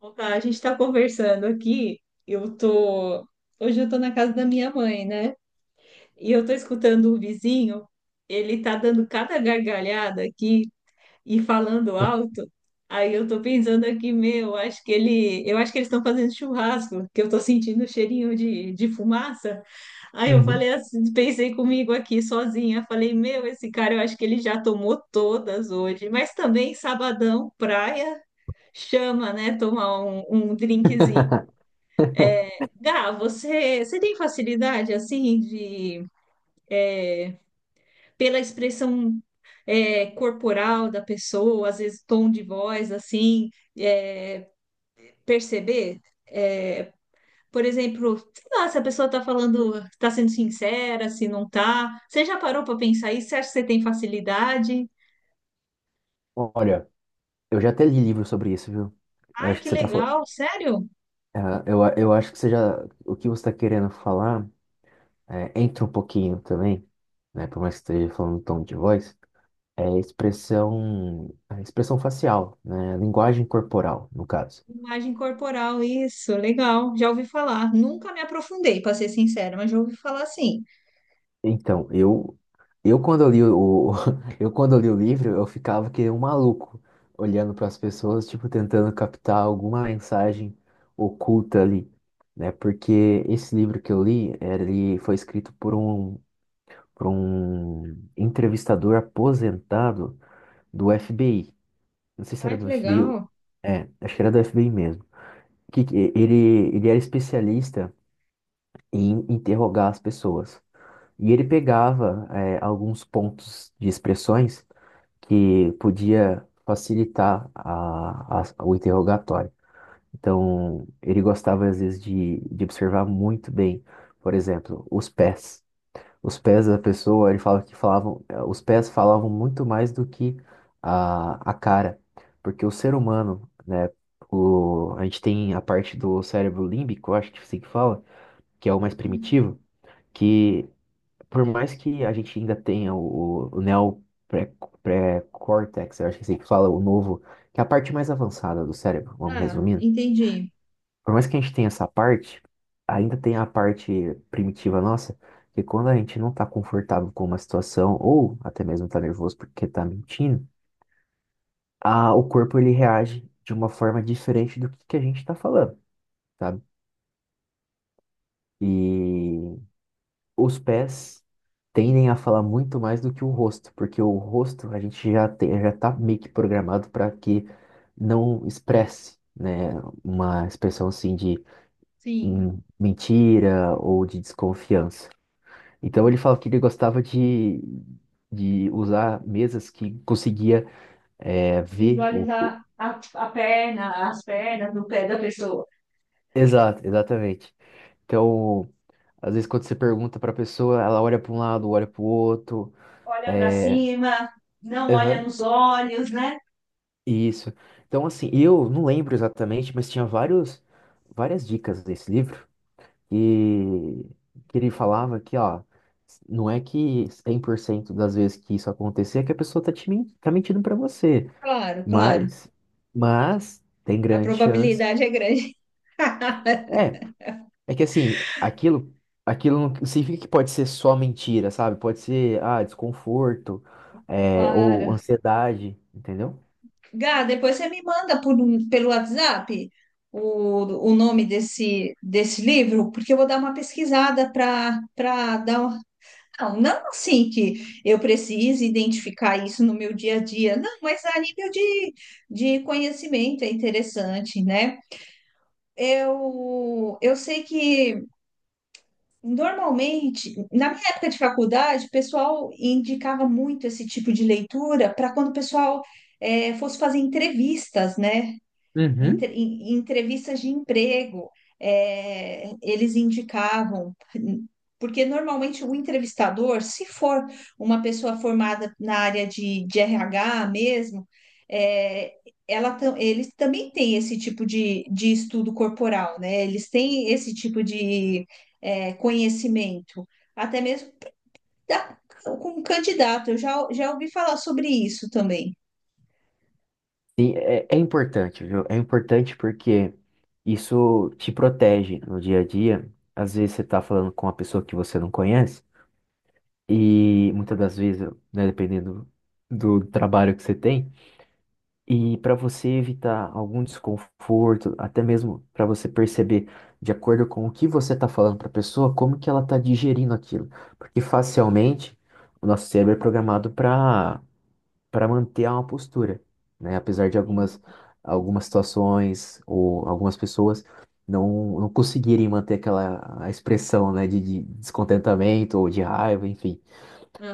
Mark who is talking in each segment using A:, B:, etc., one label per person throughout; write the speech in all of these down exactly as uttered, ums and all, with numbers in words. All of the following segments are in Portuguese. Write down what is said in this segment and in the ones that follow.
A: Bom, tá, a gente está conversando aqui. Eu tô. Hoje eu tô na casa da minha mãe, né? E eu tô escutando o vizinho. Ele tá dando cada gargalhada aqui e falando alto. Aí eu tô pensando aqui, meu, acho que ele. Eu acho que eles estão fazendo churrasco, que eu tô sentindo o cheirinho de, de fumaça. Aí eu
B: Uhum.
A: falei assim, pensei comigo aqui sozinha. Falei, meu, esse cara, eu acho que ele já tomou todas hoje. Mas também sabadão, praia chama, né? Tomar um, um drinkzinho. Gá, você, você tem facilidade, assim, de, pela expressão é, corporal da pessoa, às vezes tom de voz, assim, é, perceber? É, por exemplo, sei lá, se a pessoa está falando, está sendo sincera, se não está. Você já parou para pensar isso? Você acha que você tem facilidade?
B: Olha, eu já até li livro sobre isso, viu? Eu
A: Ai,
B: acho que
A: que
B: você tá falando.
A: legal, sério?
B: Eu, eu acho que você já. O que você tá querendo falar é, entra um pouquinho também, né? Por mais que esteja falando em tom de voz, é expressão, a expressão facial, né? Linguagem corporal, no caso.
A: Imagem corporal, isso, legal. Já ouvi falar. Nunca me aprofundei, para ser sincera, mas já ouvi falar sim.
B: Então, eu, eu quando eu li o, o- eu quando eu li o livro, eu ficava que nem um maluco, olhando para as pessoas, tipo, tentando captar alguma mensagem oculta ali, né? Porque esse livro que eu li, ele foi escrito por um, por um entrevistador aposentado do F B I. Não sei se
A: Ai,
B: era
A: que
B: do FBI, ou-
A: legal.
B: é, acho que era do F B I mesmo. Que, que- ele, ele era especialista em interrogar as pessoas. E ele pegava é, alguns pontos de expressões que podia facilitar a- a- o interrogatório. Então, ele gostava às vezes de, de observar muito bem, por exemplo, os pés. Os pés da pessoa, ele falava que falavam, eh, os pés falavam muito mais do que a, a cara, porque o ser humano, né, o, a gente tem a parte do cérebro límbico, eu acho que é assim que fala, que é o mais
A: Hum.
B: primitivo, que por mais que a gente ainda tenha o, o neo pré- pré-córtex, eu acho que é assim que fala o novo, que é a parte mais avançada do cérebro, vamos
A: Ah,
B: resumindo.
A: entendi.
B: Por mais que a gente tenha essa parte, ainda tem a parte primitiva nossa, que quando a gente não tá confortável com uma situação, ou até mesmo tá nervoso porque tá mentindo, a, o corpo ele reage de uma forma diferente do que, que a gente tá falando, sabe? E os pés tendem a falar muito mais do que o rosto, porque o rosto a gente já tem, já tá meio que programado para que não expresse, né, uma expressão assim de
A: Sim,
B: hum, mentira ou de desconfiança. Então ele falava que ele gostava de, de usar mesas que conseguia é, ver o...
A: visualizar
B: o-
A: a, a perna, as pernas do pé da pessoa.
B: Exato, exatamente. Então, às vezes quando você pergunta para a pessoa, ela olha para um lado, olha para o outro,
A: Olha para
B: é,
A: cima, não olha
B: aham.
A: nos olhos, né?
B: Isso. Então, assim, eu não lembro exatamente, mas tinha vários, várias dicas desse livro e que ele falava que, ó, não é que cem por cento das vezes que isso acontecer é que a pessoa tá te men- tá mentindo pra você,
A: Claro, claro.
B: mas, mas tem
A: A
B: grande chance.
A: probabilidade é grande.
B: É, é que assim, aquilo, aquilo não significa que pode ser só mentira, sabe? Pode ser, ah, desconforto, é, ou
A: Claro.
B: ansiedade, entendeu?
A: Gá, depois você me manda por um- pelo WhatsApp o, o nome desse, desse livro, porque eu vou dar uma pesquisada para para dar. Uma- Não, não assim que eu precise identificar isso no meu dia a dia, não, mas a nível de, de conhecimento é interessante, né? Eu, eu sei que normalmente, na minha época de faculdade, o pessoal indicava muito esse tipo de leitura para quando o pessoal eh, fosse fazer entrevistas, né? entre- em em entrevistas de emprego, é, eles indicavam, porque normalmente o entrevistador, se for uma pessoa formada na área de, de R H mesmo, é, ela, tam- eles também têm esse tipo de, de estudo corporal, né? Eles têm esse tipo de é, conhecimento, até mesmo da- com um candidato. Eu já, já ouvi falar sobre isso também.
B: Sim, é, é importante, viu? É importante porque isso te protege no dia a dia. Às vezes você tá falando com uma pessoa que você não conhece, e muitas das vezes, né, dependendo do trabalho que você tem, e para você evitar algum desconforto, até mesmo para você perceber, de acordo com o que você está falando para a pessoa, como que ela está digerindo aquilo. Porque facialmente o nosso cérebro é programado para para manter uma postura, né? Apesar de
A: Sim.
B: algumas, algumas situações ou algumas pessoas não, não conseguirem manter aquela a expressão, né, de, de descontentamento ou de raiva, enfim.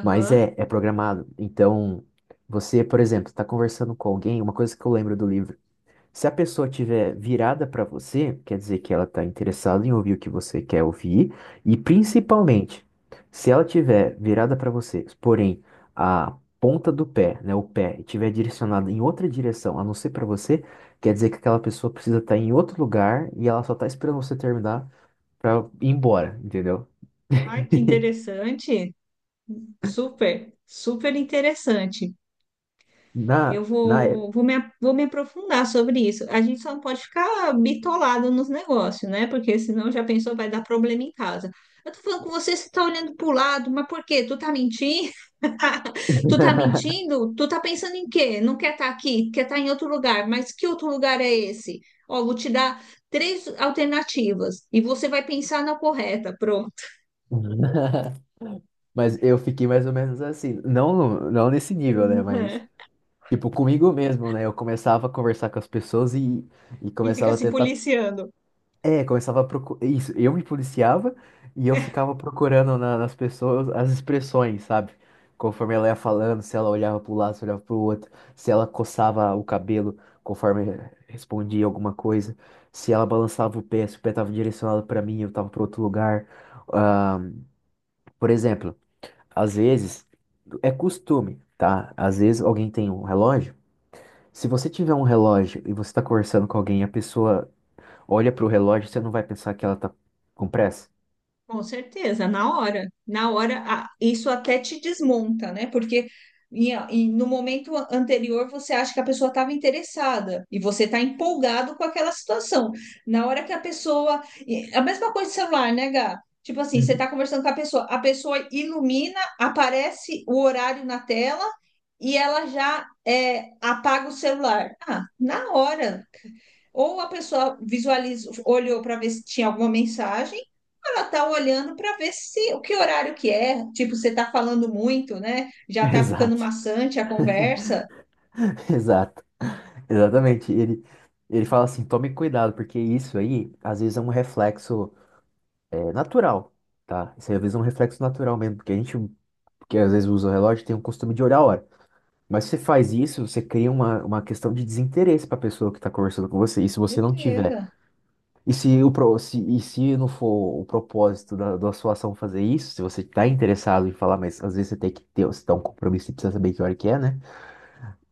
B: Mas é, é programado. Então, você, por exemplo, está conversando com alguém, uma coisa que eu lembro do livro se a pessoa tiver virada para você, quer dizer que ela está interessada em ouvir o que você quer ouvir, e
A: sim.
B: principalmente, se ela tiver virada para você, porém a ponta do pé, né, o pé, estiver direcionada em outra direção, a não ser para você, quer dizer que aquela pessoa precisa estar em outro lugar e ela só está esperando você terminar para ir embora, entendeu?
A: Ai, que interessante. Super, super interessante. Eu
B: Na, na época.
A: vou, vou me, vou me aprofundar sobre isso. A gente só não pode ficar bitolado nos negócios, né? Porque senão já pensou, vai dar problema em casa. Eu tô falando com você, você tá olhando pro lado, mas por quê? Tu tá mentindo? Tu tá mentindo? Tu tá pensando em quê? Não quer estar aqui, quer estar em outro lugar, mas que outro lugar é esse? Ó, vou te dar três alternativas e você vai pensar na correta, pronto.
B: Mas eu fiquei mais ou menos assim, não, não nesse nível, né, mas tipo, comigo mesmo, né? Eu começava a conversar com as pessoas e, e
A: E fica
B: começava a
A: se
B: tentar.
A: policiando.
B: É, começava a procurar. Isso, eu me policiava e eu ficava procurando na- nas pessoas as expressões, sabe? Conforme ela ia falando, se ela olhava para um lado, se olhava para o outro, se ela coçava o cabelo conforme respondia alguma coisa, se ela balançava o pé, se o pé estava direcionado para mim, eu estava para outro lugar. Ah, por exemplo, às vezes, é costume, tá? Às vezes alguém tem um relógio. Se você tiver um relógio e você está conversando com alguém e a pessoa olha para o relógio, você não vai pensar que ela está com pressa?
A: Com certeza, na hora, na hora, a- isso até te desmonta, né? Porque em- em- no momento a- anterior você acha que a pessoa estava interessada e você está empolgado com aquela situação. Na hora que a pessoa. E A mesma coisa de celular, né, Gá? Tipo assim, você está
B: Uhum.
A: conversando com a pessoa, a pessoa ilumina, aparece o horário na tela e ela já é, apaga o celular. Ah, na hora. Ou a pessoa visualizou, olhou para ver se tinha alguma mensagem ela tá olhando para ver se o que horário que é, tipo, você tá falando muito, né? Já tá ficando
B: Exato,
A: maçante a conversa.
B: exato, exatamente. Ele, ele fala assim: tome cuidado, porque isso aí às vezes é um reflexo é, natural, tá? Isso aí, às vezes é um reflexo natural mesmo, porque a gente, que às vezes usa o relógio, tem o costume de olhar a hora. Mas se você faz isso, você cria uma, uma questão de desinteresse para a pessoa que está conversando com você. E se você não tiver
A: Certeza.
B: E se, o, pro- se, e se não for o propósito da, da sua ação fazer isso, se você está interessado em falar, mas às vezes você tem que ter, você tá um compromisso e precisa saber que hora que é, né?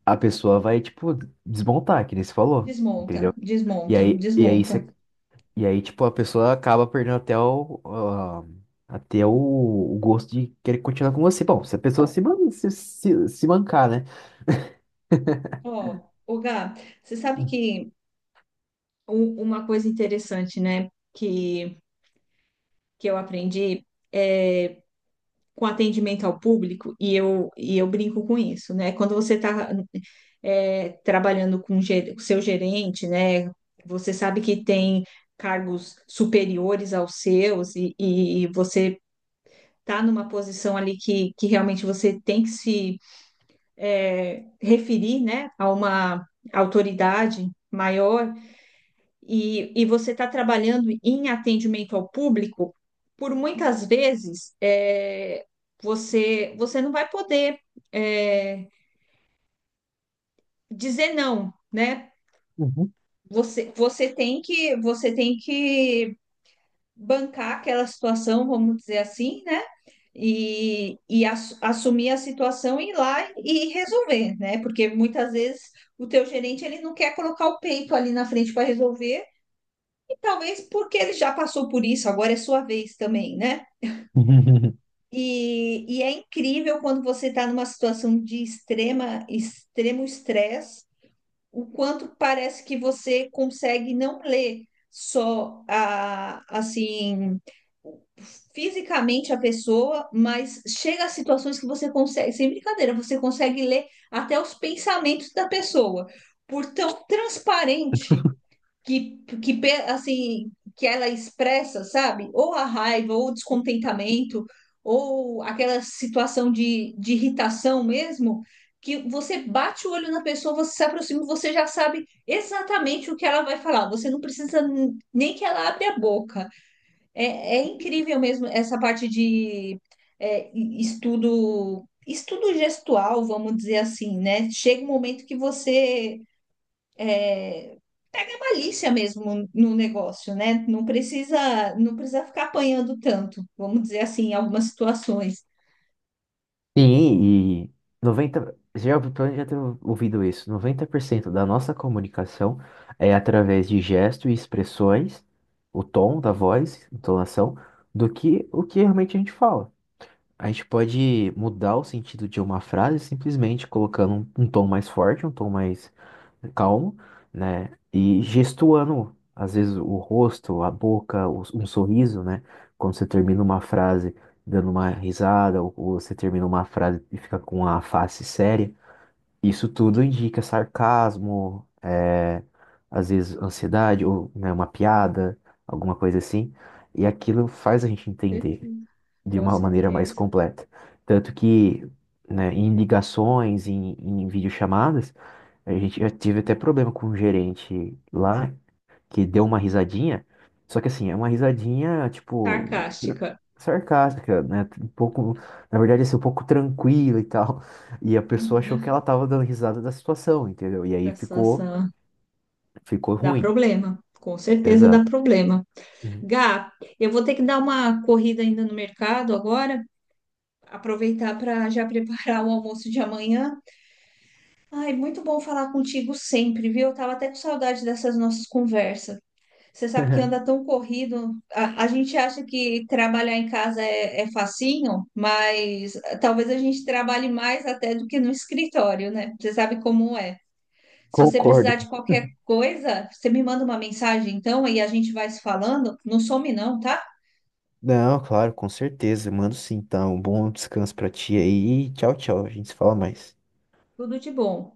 B: A pessoa vai, tipo, desmontar, que nem você falou,
A: Desmonta,
B: entendeu? E
A: desmonta,
B: aí, e aí,
A: desmonta.
B: você, e aí tipo, a pessoa acaba perdendo até o, ah, até o, o gosto de querer continuar com você. Bom, se a pessoa se, man- se, se, se mancar, né?
A: Ó, ô Gá, você sabe que um- uma coisa interessante, né, que, que eu aprendi é com atendimento ao público, e eu, e eu brinco com isso, né? Quando você está trabalhando com o seu gerente, né? Você sabe que tem cargos superiores aos seus e, e você está numa posição ali que, que realmente você tem que se é, referir, né, a uma autoridade maior, e, e você está trabalhando em atendimento ao público, por muitas vezes é, você, você não vai poder é, dizer não, né?
B: Uhum.
A: Você, você tem que você tem que bancar aquela situação, vamos dizer assim, né? E, e ass- assumir a situação e ir lá e resolver, né? Porque muitas vezes o teu gerente ele não quer colocar o peito ali na frente para resolver. Talvez porque ele já passou por isso, agora é sua vez também, né? E, e é incrível quando você está numa situação de extrema, extremo estresse, o quanto parece que você consegue não ler só a, assim fisicamente a pessoa, mas chega a situações que você consegue, sem brincadeira, você consegue ler até os pensamentos da pessoa, por tão transparente que, que pe- assim que ela expressa, sabe? Ou a raiva, ou o descontentamento, ou aquela situação de, de irritação mesmo, que você bate o olho na pessoa, você se aproxima, você já sabe exatamente o que ela vai falar. Você não precisa n- nem que ela abra a boca. É, é incrível mesmo essa parte de é, e- estudo. Estudo gestual, vamos dizer assim, né? Chega um momento que você pega malícia mesmo no negócio, né? Não precisa, não precisa ficar apanhando tanto, vamos dizer assim, em algumas situações.
B: Sim, e noventa já, ouvi- pelo menos já tenho ouvido isso, noventa por cento da nossa comunicação é através de gestos e expressões, o tom da voz, entonação, do que o que realmente a gente fala. A gente pode mudar o sentido de uma frase simplesmente colocando um, um tom mais forte, um tom mais calmo, né? E gestuando, às vezes, o rosto, a boca, o- um sorriso, né? Quando você termina uma frase dando uma risada, ou, ou você termina uma frase e fica com a face séria. Isso tudo indica sarcasmo, é, às vezes ansiedade, ou né, uma piada, alguma coisa assim. E aquilo faz a gente entender
A: Certeza.
B: de
A: Com
B: uma maneira mais
A: certeza.
B: completa. Tanto que, né, em ligações, em, em videochamadas, a gente já tive até problema com um gerente lá que deu uma risadinha. Só que assim, é uma risadinha, tipo,
A: Sarcástica.
B: sarcástica, né? Um pouco, na verdade, assim, um pouco tranquila e tal. E a pessoa achou que ela
A: Uhum.
B: tava dando risada da situação, entendeu? E aí
A: Da
B: ficou,
A: situação.
B: ficou
A: Dá
B: ruim.
A: problema. Com certeza dá
B: Exato.
A: problema.
B: Uhum.
A: Gá, eu vou ter que dar uma corrida ainda no mercado agora, aproveitar para já preparar o almoço de amanhã. Ai, muito bom falar contigo sempre, viu? Eu tava até com saudade dessas nossas conversas. Você sabe que anda tão corrido. A, a gente acha que trabalhar em casa é, é facinho, mas eh, talvez a gente trabalhe mais até do que no escritório, né? Você sabe como é. Se você
B: Concordo.
A: precisar de qualquer coisa, você me manda uma mensagem então e a gente vai se falando. Não some não, tá?
B: Não, claro, com certeza. Mando sim, então. Um bom descanso pra ti aí. E Tchau, tchau. A gente se fala mais.
A: Tudo de bom.